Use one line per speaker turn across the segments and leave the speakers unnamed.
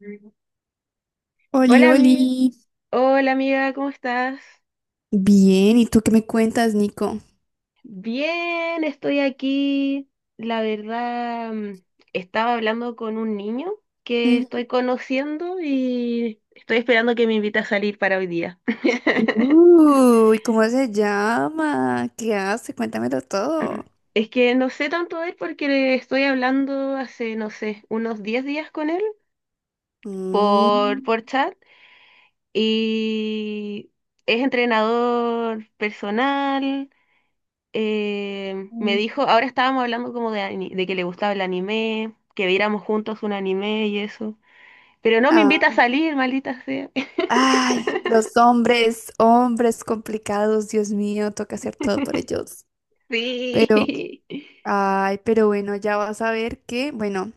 Mm.
Oli,
Hola
oli.
amiga, hola amiga, ¿cómo estás?
Bien, ¿y tú qué me cuentas, Nico?
Bien, estoy aquí. La verdad, estaba hablando con un niño que
Ujú.
estoy conociendo y estoy esperando que me invite a salir para hoy día.
Uy, ¿cómo se llama? ¿Qué hace? Cuéntamelo todo.
Es que no sé tanto de él porque le estoy hablando hace, no sé, unos 10 días con él por,
Mm.
por chat y es entrenador personal, me dijo, ahora estábamos hablando como de que le gustaba el anime, que viéramos juntos un anime y eso. Pero no me
Ah.
invita a salir, maldita sea.
Ay, los hombres, hombres complicados, Dios mío, toca hacer todo por ellos. Pero,
Sí,
ay, pero bueno, ya vas a ver que, bueno,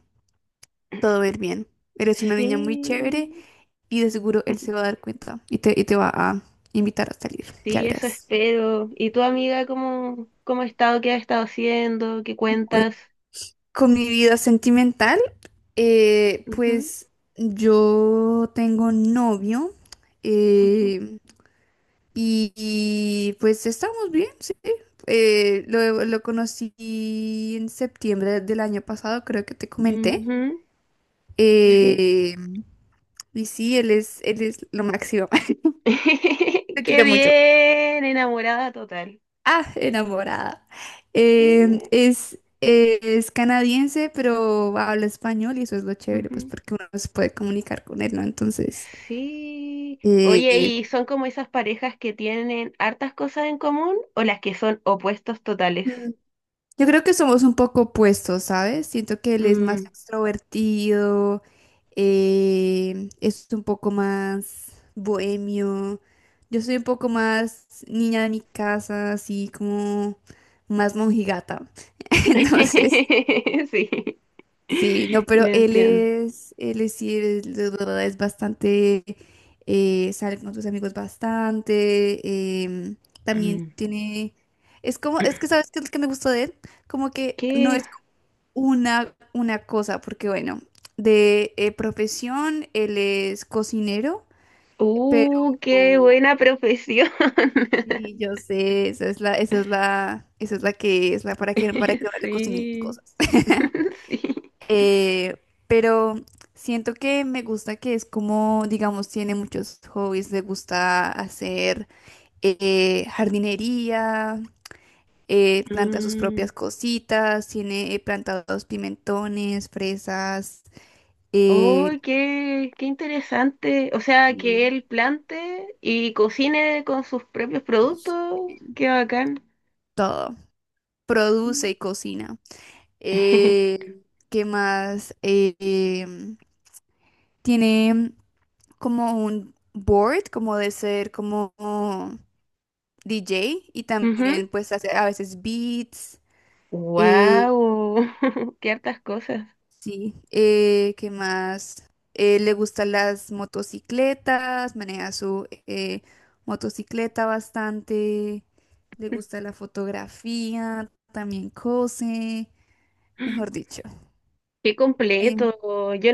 todo va a ir bien. Eres una niña muy chévere
sí,
y de seguro él se va a dar cuenta y te, va a invitar a salir, ya
sí, eso
verás.
espero. ¿Y tu amiga cómo ha estado? ¿Qué ha estado haciendo? ¿Qué
Bueno,
cuentas?
con mi vida sentimental.
Ujú,
Pues yo tengo novio,
ujú,
eh, y, pues estamos bien, sí. Lo conocí en septiembre del año pasado, creo que te comenté.
ujú, sí.
Eh, y sí, él es lo máximo. Lo
Qué
quiero mucho.
bien, enamorada total.
Ah, enamorada.
Qué
Eh,
bien.
es, eh, es canadiense, pero habla español y eso es lo chévere, pues porque uno se puede comunicar con él, ¿no? Entonces.
Sí. Oye,
eh,
¿y son como esas parejas que tienen hartas cosas en común o las que son opuestos totales?
Yo creo que somos un poco opuestos, ¿sabes? Siento que él es más
Mm.
extrovertido, es un poco más bohemio. Yo soy un poco más niña de mi casa, así como más monjigata. Entonces,
Sí,
sí, no, pero
lo
él
entiendo.
es, él es, sí, es bastante, sale con sus amigos bastante, también
Mm.
tiene, es como, es que sabes qué es lo que me gustó de él, como que no
¿Qué?
es una cosa, porque bueno, de profesión él es cocinero, pero
¡Uh, qué buena profesión!
sí, yo sé, esa es la que es la para que ahora le cocinen
Sí,
cosas.
sí.
Eh, pero siento que me gusta que es como, digamos, tiene muchos hobbies, le gusta hacer jardinería, planta sus
Mm.
propias cositas, tiene plantados pimentones, fresas,
¡Oh,
eh,
qué interesante! O sea,
y
que él plante y cocine con sus propios
cos-
productos. ¡Qué bacán!
todo. Produce
Mm.
y cocina. Eh, ¿Qué más? Tiene como un board, como de ser como DJ y también pues hace a veces beats. Eh,
Wow, qué hartas cosas.
sí, ¿qué más? Le gustan las motocicletas, maneja su motocicleta bastante. Le gusta la fotografía, también cose, mejor dicho.
Qué
Eh,
completo. Yo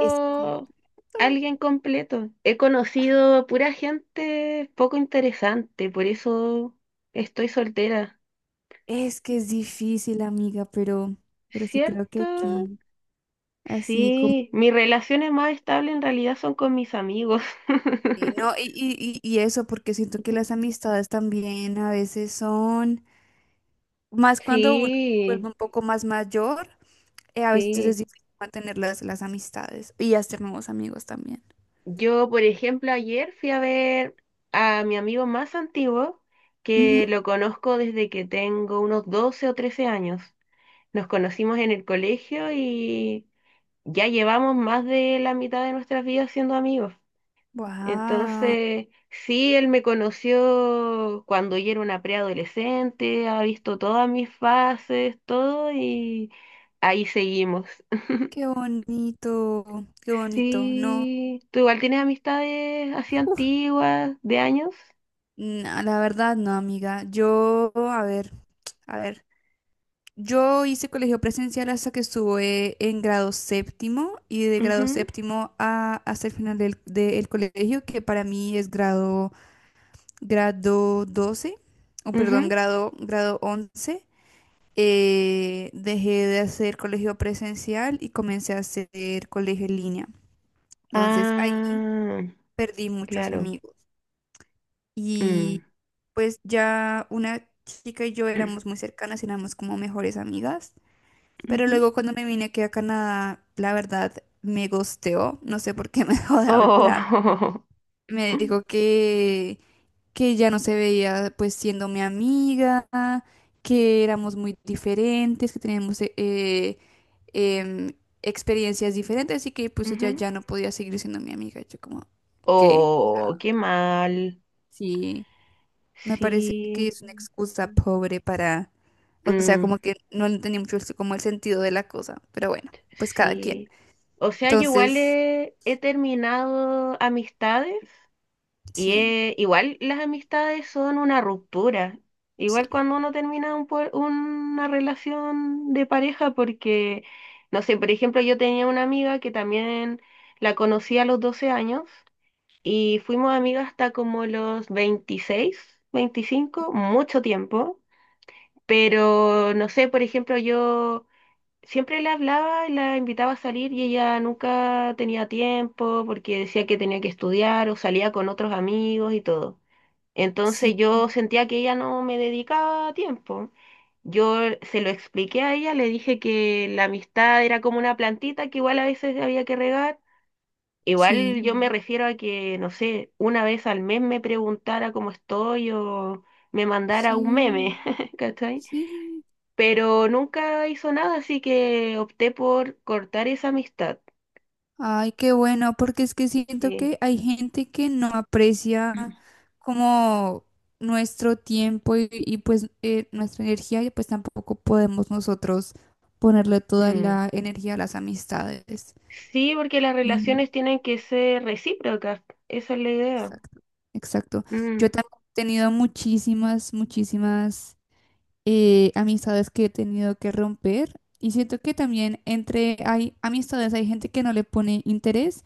Es completo.
alguien completo. He conocido pura gente poco interesante, por eso estoy soltera.
Es que es difícil, amiga, pero sí creo que
¿Cierto?
aquí, así como.
Sí, mis relaciones más estables en realidad son con mis amigos.
Y no, y eso, porque siento que las amistades también a veces son, más cuando uno se
Sí,
vuelve un poco más mayor, a veces es
sí.
difícil mantener las amistades y hacer nuevos amigos también.
Yo, por ejemplo, ayer fui a ver a mi amigo más antiguo, que lo conozco desde que tengo unos 12 o 13 años. Nos conocimos en el colegio y ya llevamos más de la mitad de nuestras vidas siendo amigos.
Wow,
Entonces, sí, él me conoció cuando yo era una preadolescente, ha visto todas mis fases, todo, y ahí seguimos.
qué bonito, ¿no?
Sí, ¿tú igual tienes amistades así
Uf,
antiguas, de años?
no, la verdad, no, amiga. Yo, a ver, a ver. Yo hice colegio presencial hasta que estuve en grado séptimo y de grado
Ujú,
séptimo hasta el final del colegio, que para mí es grado doce, o perdón,
ujú.
grado 11, dejé de hacer colegio presencial y comencé a hacer colegio en línea. Entonces ahí
Ah,
perdí muchos
claro.
amigos.
Mm.
Y pues ya una chica y yo éramos muy cercanas, éramos como mejores amigas. Pero
Ujú.
luego cuando me vine aquí a Canadá, la verdad me gosteó, no sé por qué me dejó de hablar.
Oh,
Me dijo que ya no se veía pues siendo mi amiga, que éramos muy diferentes, que teníamos em, experiencias diferentes y que pues ella
ujú.
ya no podía seguir siendo mi amiga. Yo como, ¿qué? O
Oh,
sea,
qué mal.
sí, me parece que
Sí.
es una excusa pobre para, o sea,
Mm,
como que no entendí mucho como el sentido de la cosa, pero bueno, pues cada quien.
sí. O sea, yo igual
Entonces.
he terminado amistades. Y
Sí,
igual las amistades son una ruptura.
sí,
Igual cuando uno termina un una relación de pareja, porque, no sé, por ejemplo, yo tenía una amiga que también la conocí a los 12 años y fuimos amigas hasta como los 26 25 mucho tiempo. Pero, no sé, por ejemplo, yo siempre le hablaba y la invitaba a salir y ella nunca tenía tiempo porque decía que tenía que estudiar o salía con otros amigos y todo. Entonces
sí,
yo sentía que ella no me dedicaba tiempo. Yo se lo expliqué a ella, le dije que la amistad era como una plantita que igual a veces había que regar. Igual
sí,
yo me refiero a que, no sé, una vez al mes me preguntara cómo estoy o me mandara un
sí,
meme, ¿cachai?
sí.
Pero nunca hizo nada, así que opté por cortar esa amistad.
Ay, qué bueno, porque es que siento
Sí.
que hay gente que no aprecia como nuestro tiempo y, pues nuestra energía y pues tampoco podemos nosotros ponerle toda
Mm.
la energía a las amistades.
Sí, porque las
Y-
relaciones tienen que ser recíprocas, esa es la idea.
Exacto, exacto.
Mm.
Yo también he tenido muchísimas, muchísimas amistades que he tenido que romper. Y siento que también entre hay amistades, hay gente que no le pone interés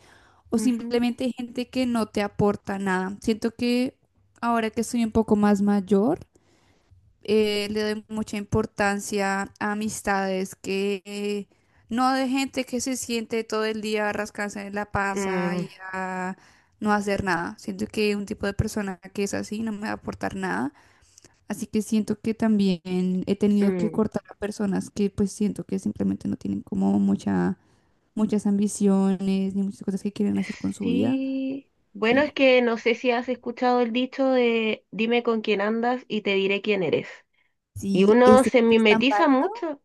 o
Ujú.
simplemente hay gente que no te aporta nada. Siento que ahora que soy un poco más mayor, le doy mucha importancia a amistades que no de gente que se siente todo el día a rascarse en la panza
Mm,
y a no hacer nada. Siento que un tipo de persona que es así no me va a aportar nada. Así que siento que también he tenido que
mm,
cortar a personas que pues siento que simplemente no tienen como mucha, muchas ambiciones ni muchas cosas que quieren hacer con su vida.
sí. Bueno, es
Sí.
que no sé si has escuchado el dicho de dime con quién andas y te diré quién eres. Y
Sí,
uno
ese
se
hecho es tan
mimetiza
válido.
mucho.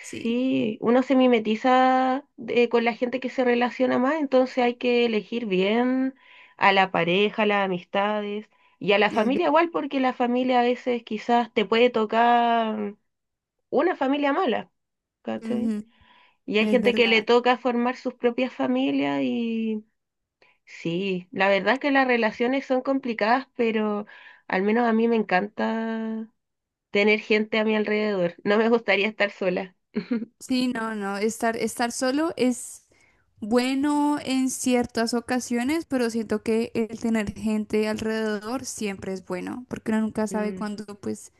Sí,
Sí, uno se mimetiza con la gente que se relaciona más, entonces hay que elegir bien a la pareja, a las amistades y a la
es, ver-
familia igual, porque la familia a veces quizás te puede tocar una familia mala, ¿cachai?
Ujú,
Y hay
es
gente que le
verdad.
toca formar sus propias familias y sí, la verdad es que las relaciones son complicadas, pero al menos a mí me encanta tener gente a mi alrededor. No me gustaría estar sola.
Sí, no, no, estar solo es bueno en ciertas ocasiones, pero siento que el tener gente alrededor siempre es bueno, porque uno nunca sabe
Mm,
cuándo pues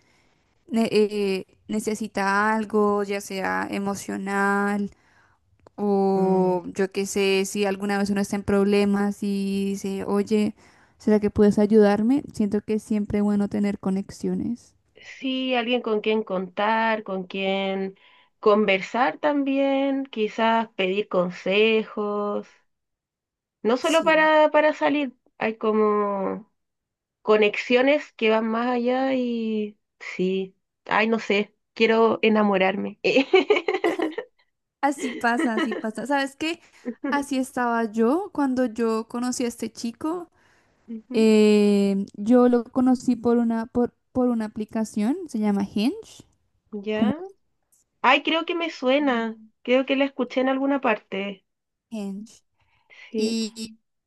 necesita algo, ya sea emocional
mm.
o yo qué sé, si alguna vez uno está en problemas y dice, oye, ¿será que puedes ayudarme? Siento que es siempre bueno tener conexiones.
Sí, alguien con quien contar, con quien conversar también, quizás pedir consejos, no solo
Sí.
para salir, hay como conexiones que van más allá y sí, ay, no sé, quiero enamorarme.
Así pasa, así pasa. ¿Sabes qué? Así estaba yo cuando yo conocí a este chico.
Ujú,
Yo lo conocí por una aplicación, se llama Hinge, como
¿ya? Ay, creo que me suena, creo que la escuché en alguna parte.
Hinge.
Sí,
Y,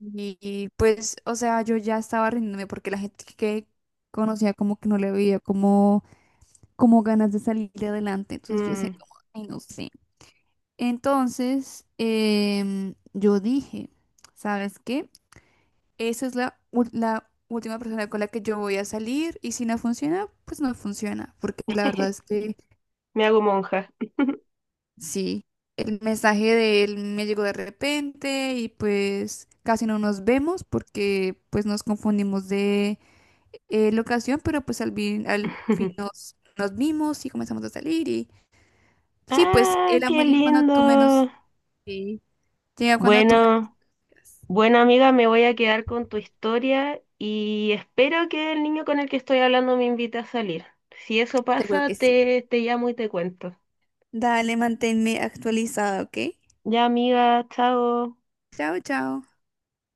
y- pues, o sea, yo ya estaba rindiéndome porque la gente que conocía como que no le veía como ganas de salir de adelante. Entonces yo decía
mm,
como, ay, no sé. Entonces, yo dije, ¿sabes qué? Esa es la última persona con la que yo voy a salir y si no funciona, pues no funciona. Porque la verdad es que.
me hago monja.
Sí, el mensaje de él me llegó de repente y pues casi no nos vemos porque pues nos confundimos de locación, pero pues al fin nos vimos y comenzamos a salir y sí, pues
Ah,
el
qué
amor llega cuando tú menos.
lindo.
Sí. Llega cuando tú menos
Bueno,
quieras.
bueno amiga, me voy a quedar con tu historia y espero que el niño con el que estoy hablando me invite a salir. Si eso
Seguro
pasa,
que sí.
te llamo y te cuento.
Dale, manténme actualizada, ¿ok?
Ya, amiga, chao.
Chao, chao.